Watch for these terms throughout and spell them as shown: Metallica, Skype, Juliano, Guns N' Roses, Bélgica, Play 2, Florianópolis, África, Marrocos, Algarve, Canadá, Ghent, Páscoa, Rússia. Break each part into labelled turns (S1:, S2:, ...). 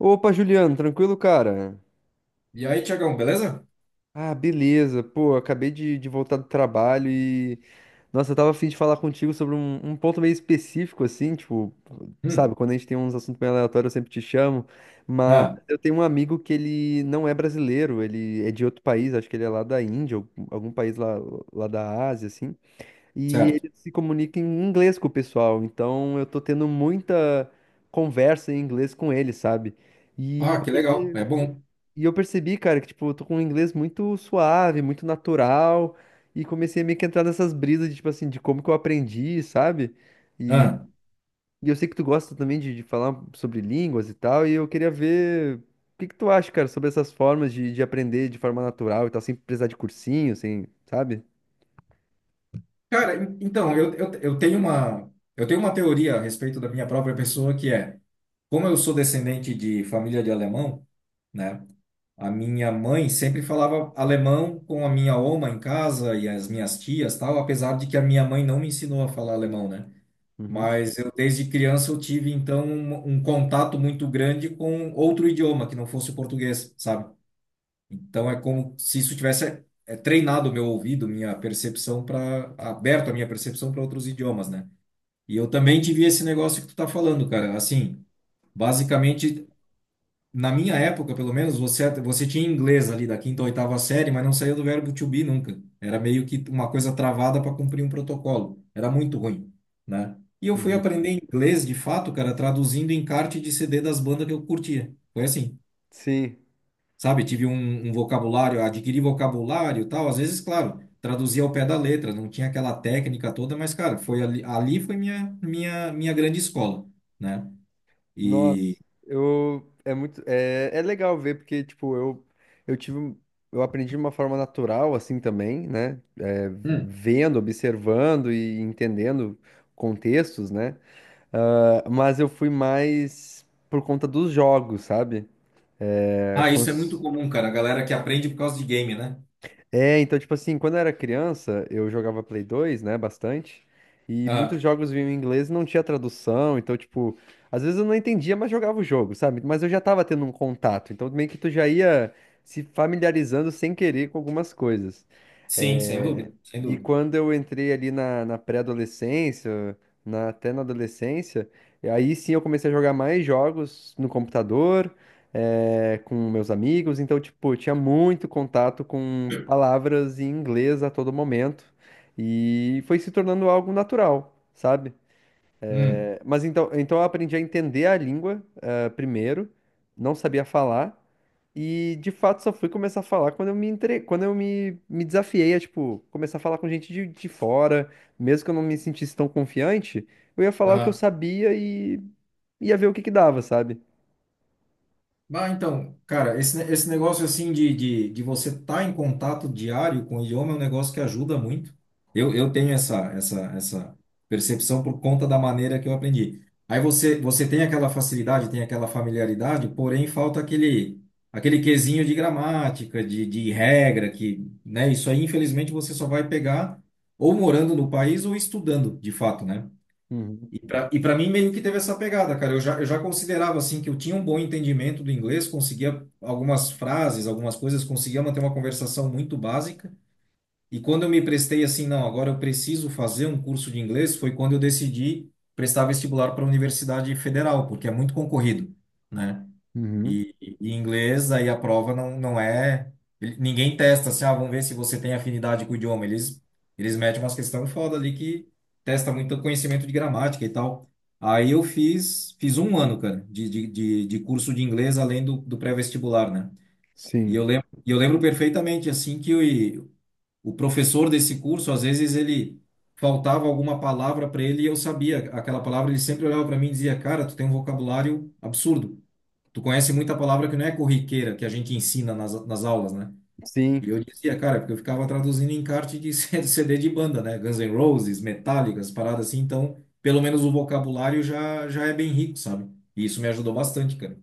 S1: Opa, Juliano, tranquilo, cara?
S2: E aí, Tiagão, beleza?
S1: Ah, beleza. Pô, acabei de voltar do trabalho e. Nossa, eu tava a fim de falar contigo sobre um ponto meio específico, assim, tipo, sabe,
S2: Hum.
S1: quando a gente tem uns assuntos meio aleatórios, eu sempre te chamo. Mas
S2: Ah,
S1: eu tenho um amigo que ele não é brasileiro, ele é de outro país, acho que ele é lá da Índia, ou algum país lá, lá da Ásia, assim. E
S2: certo.
S1: ele se comunica em inglês com o pessoal, então eu tô tendo muita conversa em inglês com ele, sabe? E
S2: Ah,
S1: eu
S2: que legal.
S1: percebi.
S2: É bom.
S1: E eu percebi, cara, que, tipo, eu tô com um inglês muito suave, muito natural, e comecei a meio que entrar nessas brisas de, tipo assim, de como que eu aprendi, sabe? E,
S2: Ah.
S1: e eu sei que tu gosta também de falar sobre línguas e tal, e eu queria ver o que que tu acha, cara, sobre essas formas de aprender de forma natural e tal, sem precisar de cursinho, sem, sabe?
S2: Cara, então, eu tenho uma, eu tenho uma teoria a respeito da minha própria pessoa, que é, como eu sou descendente de família de alemão, né? A minha mãe sempre falava alemão com a minha oma em casa e as minhas tias, tal, apesar de que a minha mãe não me ensinou a falar alemão, né?
S1: Uhum,
S2: Mas eu, desde criança, eu tive, então, um contato muito grande com outro idioma que não fosse o português, sabe? Então é como se isso tivesse treinado o meu ouvido, minha percepção para aberto a minha percepção para outros idiomas, né? E eu também tive esse negócio que tu tá falando, cara. Assim, basicamente na minha época, pelo menos, você tinha inglês ali da quinta ou oitava série, mas não saía do verbo to be nunca. Era meio que uma coisa travada para cumprir um protocolo. Era muito ruim, né? E eu fui
S1: uhum.
S2: aprender inglês de fato, cara, traduzindo encarte de CD das bandas que eu curtia. Foi assim,
S1: Sim.
S2: sabe? Tive um, um vocabulário, adquiri vocabulário e tal. Às vezes, claro, traduzia ao pé da letra, não tinha aquela técnica toda, mas, cara, foi ali, ali foi minha, minha, minha grande escola, né?
S1: Nossa,
S2: E.
S1: eu muito é legal ver porque tipo eu eu aprendi de uma forma natural assim também, né? É,
S2: Hum.
S1: Vendo, observando e entendendo contextos, né? Ah, mas eu fui mais por conta dos jogos, sabe? É,
S2: Ah, isso é muito
S1: cons-
S2: comum, cara. A galera que aprende por causa de game, né?
S1: Então, tipo assim, quando eu era criança, eu jogava Play 2, né, bastante, e muitos
S2: Ah,
S1: jogos vinham em inglês e não tinha tradução, então, tipo, às vezes eu não entendia, mas jogava o jogo, sabe? Mas eu já tava tendo um contato, então meio que tu já ia se familiarizando sem querer com algumas coisas.
S2: sim, sem
S1: É,
S2: dúvida, sem
S1: E
S2: dúvida.
S1: quando eu entrei ali na, até na adolescência, aí sim eu comecei a jogar mais jogos no computador, com meus amigos, então, tipo, eu tinha muito contato com palavras em inglês a todo momento e foi se tornando algo natural, sabe?
S2: Hum.
S1: Mas então eu aprendi a entender a língua, primeiro, não sabia falar e de fato só fui começar a falar quando eu me desafiei a, tipo, começar a falar com gente de fora, mesmo que eu não me sentisse tão confiante, eu ia falar o que eu sabia e ia ver o que que dava, sabe?
S2: Ah, então, cara, esse negócio assim de você estar tá em contato diário com o idioma é um negócio que ajuda muito. Eu tenho essa, essa, essa percepção por conta da maneira que eu aprendi. Aí você, você tem aquela facilidade, tem aquela familiaridade, porém falta aquele, aquele quesinho de gramática, de regra, que, né, isso aí infelizmente você só vai pegar ou morando no país ou estudando, de fato, né?
S1: Uhum.
S2: E para mim meio que teve essa pegada, cara. Eu já considerava assim que eu tinha um bom entendimento do inglês, conseguia algumas frases, algumas coisas, conseguia manter uma conversação muito básica. E quando eu me prestei assim, não, agora eu preciso fazer um curso de inglês, foi quando eu decidi prestar vestibular para a Universidade Federal, porque é muito concorrido, né?
S1: Uhum.
S2: E inglês, aí a prova não, não é. Ninguém testa assim, ah, vamos ver se você tem afinidade com o idioma. Eles metem umas questões foda ali que testa muito conhecimento de gramática e tal. Aí eu fiz, fiz um ano, cara, de curso de inglês além do, do pré-vestibular, né?
S1: Sim.
S2: E eu lembro perfeitamente, assim, que o, o professor desse curso, às vezes ele faltava alguma palavra para ele e eu sabia aquela palavra, ele sempre olhava para mim e dizia, cara, tu tem um vocabulário absurdo, tu conhece muita palavra que não é corriqueira, que a gente ensina nas, nas aulas, né?
S1: Sim,
S2: E eu dizia, cara, porque eu ficava traduzindo encarte de CD de banda, né? Guns N' Roses, Metallica, as paradas assim, então, pelo menos o vocabulário já, já é bem rico, sabe? E isso me ajudou bastante, cara.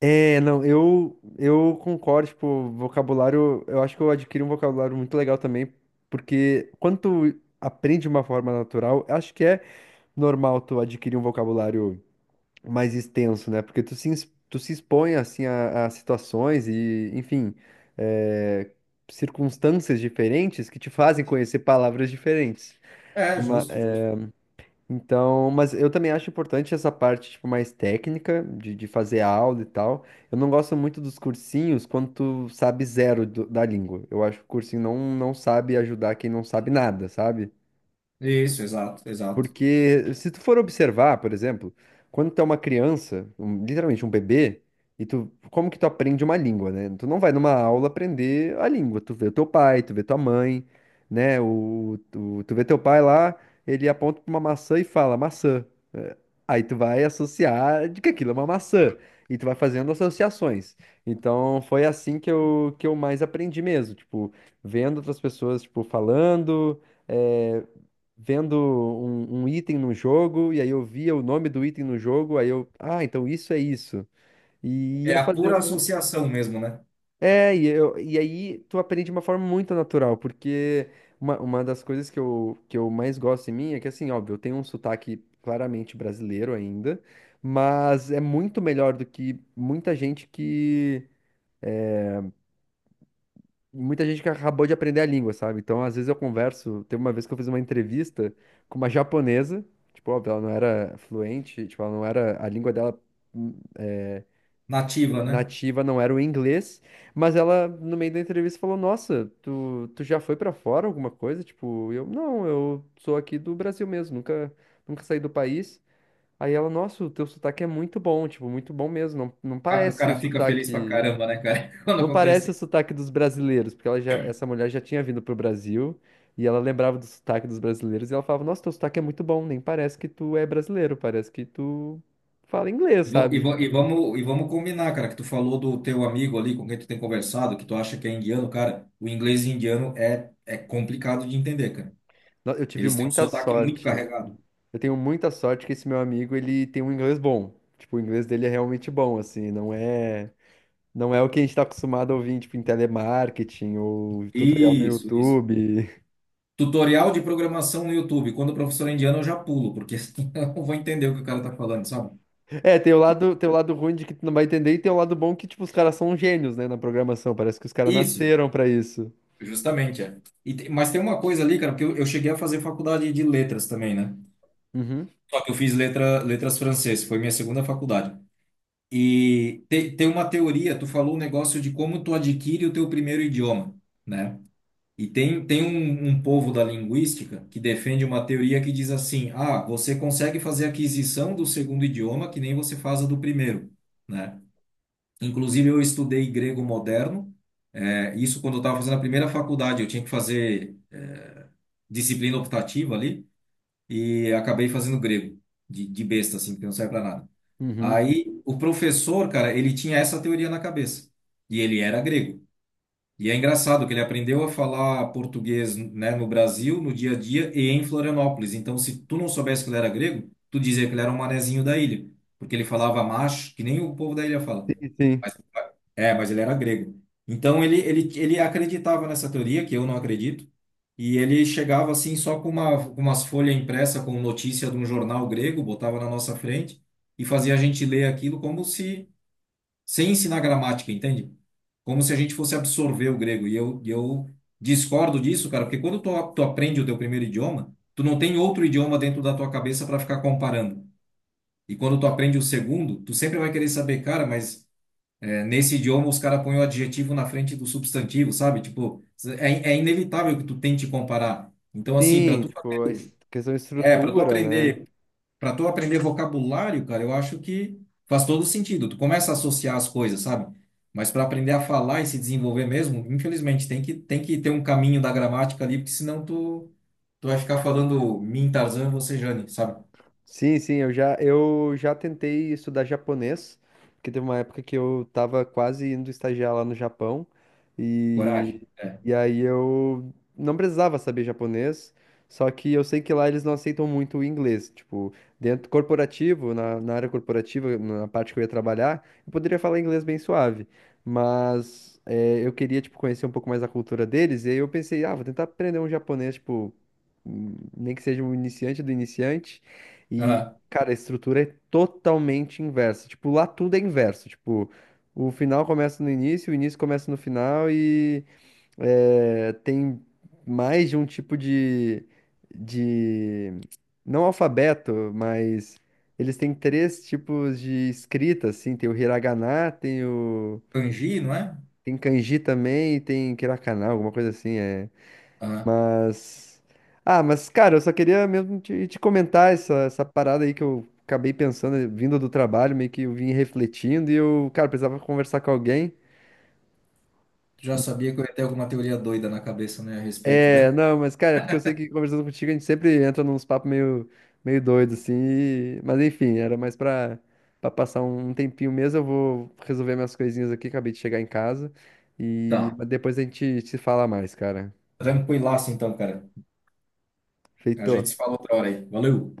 S1: é, não, eu concordo, tipo, vocabulário, eu acho que eu adquiri um vocabulário muito legal também, porque quando tu aprende de uma forma natural, eu acho que é normal tu adquirir um vocabulário mais extenso, né? Porque tu se expõe, assim, a situações e, enfim, é, circunstâncias diferentes que te fazem conhecer palavras diferentes.
S2: É, justo, justo.
S1: Então, mas eu também acho importante essa parte, tipo, mais técnica, de fazer aula e tal. Eu não gosto muito dos cursinhos quando tu sabe da língua. Eu acho que o cursinho não sabe ajudar quem não sabe nada, sabe?
S2: Isso, exato, exato.
S1: Porque se tu for observar, por exemplo, quando tu é uma criança, literalmente um bebê, e tu, como que tu aprende uma língua, né? Tu não vai numa aula aprender a língua, tu vê o teu pai, tu vê tua mãe, né? Tu vê teu pai lá, ele aponta pra uma maçã e fala maçã. É, Aí tu vai associar de que aquilo é uma maçã, e tu vai fazendo associações. Então foi assim que eu mais aprendi mesmo, tipo, vendo outras pessoas, tipo, falando. é, Vendo um item no jogo, e aí eu via o nome do item no jogo, aí eu, ah, então isso é isso. E
S2: É
S1: ia
S2: a pura
S1: fazendo.
S2: associação mesmo, né?
S1: E aí tu aprende de uma forma muito natural, porque uma das coisas que eu mais gosto em mim é que, assim, óbvio, eu tenho um sotaque claramente brasileiro ainda, mas é muito melhor do que muita gente que acabou de aprender a língua, sabe? Então, às vezes eu converso. Teve uma vez que eu fiz uma entrevista com uma japonesa, tipo, óbvio, ela não era fluente, tipo, ela não era, a língua dela hum, é,
S2: Nativa, né?
S1: nativa não era o inglês, mas ela, no meio da entrevista, falou: Nossa, tu já foi pra fora alguma coisa? Tipo, eu, não, eu sou aqui do Brasil mesmo, nunca, nunca saí do país. Aí ela, nossa, o teu sotaque é muito bom, tipo, muito bom mesmo, não
S2: Ah, o
S1: parece o
S2: cara fica feliz pra
S1: sotaque.
S2: caramba, né, cara? Quando
S1: Não parece
S2: acontece.
S1: o sotaque dos brasileiros, porque ela já, essa mulher já tinha vindo pro Brasil e ela lembrava do sotaque dos brasileiros e ela falava: Nossa, teu sotaque é muito bom, nem parece que tu é brasileiro, parece que tu fala inglês,
S2: E,
S1: sabe? Tipo,
S2: vamos combinar, cara, que tu falou do teu amigo ali com quem tu tem conversado, que tu acha que é indiano, cara, o inglês indiano é, é complicado de entender, cara.
S1: eu tive
S2: Eles têm um
S1: muita
S2: sotaque muito
S1: sorte.
S2: carregado.
S1: Eu tenho muita sorte que esse meu amigo, ele tem um inglês bom. Tipo, o inglês dele é realmente bom, assim, não é, não é o que a gente tá acostumado a ouvir, tipo, em telemarketing ou tutorial no
S2: Isso, isso.
S1: YouTube.
S2: Tutorial de programação no YouTube. Quando o professor é indiano, eu já pulo, porque assim, eu não vou entender o que o cara tá falando, sabe?
S1: É, tem o lado ruim de que tu não vai entender e tem o lado bom que, tipo, os caras são gênios, né, na programação. Parece que os caras
S2: Isso,
S1: nasceram pra isso.
S2: justamente, é. Mas tem uma coisa ali, cara, porque eu cheguei a fazer faculdade de letras também, né?
S1: Uhum,
S2: Só que eu fiz letra, letras francês, foi minha segunda faculdade. Tem uma teoria, tu falou um negócio de como tu adquire o teu primeiro idioma, né? E tem, tem um, um povo da linguística que defende uma teoria que diz assim: ah, você consegue fazer a aquisição do segundo idioma que nem você faz a do primeiro, né? Inclusive, eu estudei grego moderno, isso quando eu estava fazendo a primeira faculdade, eu tinha que fazer disciplina optativa ali, e acabei fazendo grego, de besta, assim, que não serve para nada.
S1: uhum.
S2: Aí o professor, cara, ele tinha essa teoria na cabeça. E ele era grego. E é engraçado que ele aprendeu a falar português, né, no Brasil, no dia a dia e em Florianópolis. Então, se tu não soubesse que ele era grego, tu dizia que ele era um manezinho da ilha, porque ele falava macho, que nem o povo da ilha fala.
S1: Sim, sim.
S2: Mas- é, mas ele era grego. Então ele acreditava nessa teoria, que eu não acredito. E ele chegava assim só com uma, com umas folhas impressas com notícia de um jornal grego, botava na nossa frente e fazia a gente ler aquilo como se, sem ensinar gramática, entende? Como se a gente fosse absorver o grego. E eu discordo disso, cara, porque quando tu, tu aprende o teu primeiro idioma, tu não tem outro idioma dentro da tua cabeça para ficar comparando. E quando tu aprende o segundo, tu sempre vai querer saber, cara, mas é, nesse idioma os caras põem o adjetivo na frente do substantivo, sabe? Tipo, é, é inevitável que tu tente comparar. Então, assim, para
S1: Sim,
S2: tu
S1: tipo, questão de
S2: é, para tu
S1: estrutura, né?
S2: aprender, para tu aprender vocabulário, cara, eu acho que faz todo sentido. Tu começa a associar as coisas, sabe? Mas para aprender a falar e se desenvolver mesmo, infelizmente tem que ter um caminho da gramática ali, porque senão tu vai ficar falando mim, Tarzan, você, Jane, sabe?
S1: Sim, sim, eu já tentei estudar japonês, porque teve uma época que eu tava quase indo estagiar lá no Japão,
S2: Coragem.
S1: e,
S2: É.
S1: e aí eu não precisava saber japonês, só que eu sei que lá eles não aceitam muito o inglês, tipo, dentro corporativo, na, na área corporativa, na parte que eu ia trabalhar, eu poderia falar inglês bem suave, mas eu queria, tipo, conhecer um pouco mais a cultura deles, e aí eu pensei, ah, vou tentar aprender um japonês, tipo, nem que seja um iniciante do iniciante, e,
S2: Aham.
S1: cara, a estrutura é totalmente inversa. Tipo, lá tudo é inverso. Tipo, o final começa no início, o início começa no final e tem mais de um tipo de... Não alfabeto, mas eles têm três tipos de escrita, assim. Tem o hiragana, tem o...
S2: Kanji, não é?
S1: Tem kanji também e tem katakana, alguma coisa assim. É...
S2: Aham.
S1: Mas. Ah, mas, cara, eu só queria mesmo te, te comentar essa, essa parada aí que eu acabei pensando, vindo do trabalho, meio que eu vim refletindo e eu, cara, precisava conversar com alguém.
S2: Tu já sabia que eu ia ter alguma teoria doida na cabeça, né, a respeito,
S1: É,
S2: né?
S1: não, mas, cara, é porque eu sei que conversando contigo a gente sempre entra nos papos meio, meio doido, assim. Mas, enfim, era mais pra, pra passar um tempinho mesmo. Eu vou resolver minhas coisinhas aqui, acabei de chegar em casa. E
S2: Tá.
S1: mas depois a gente se fala mais, cara.
S2: Tranquilaço então, cara. A
S1: Feito.
S2: gente se fala outra hora aí. Valeu.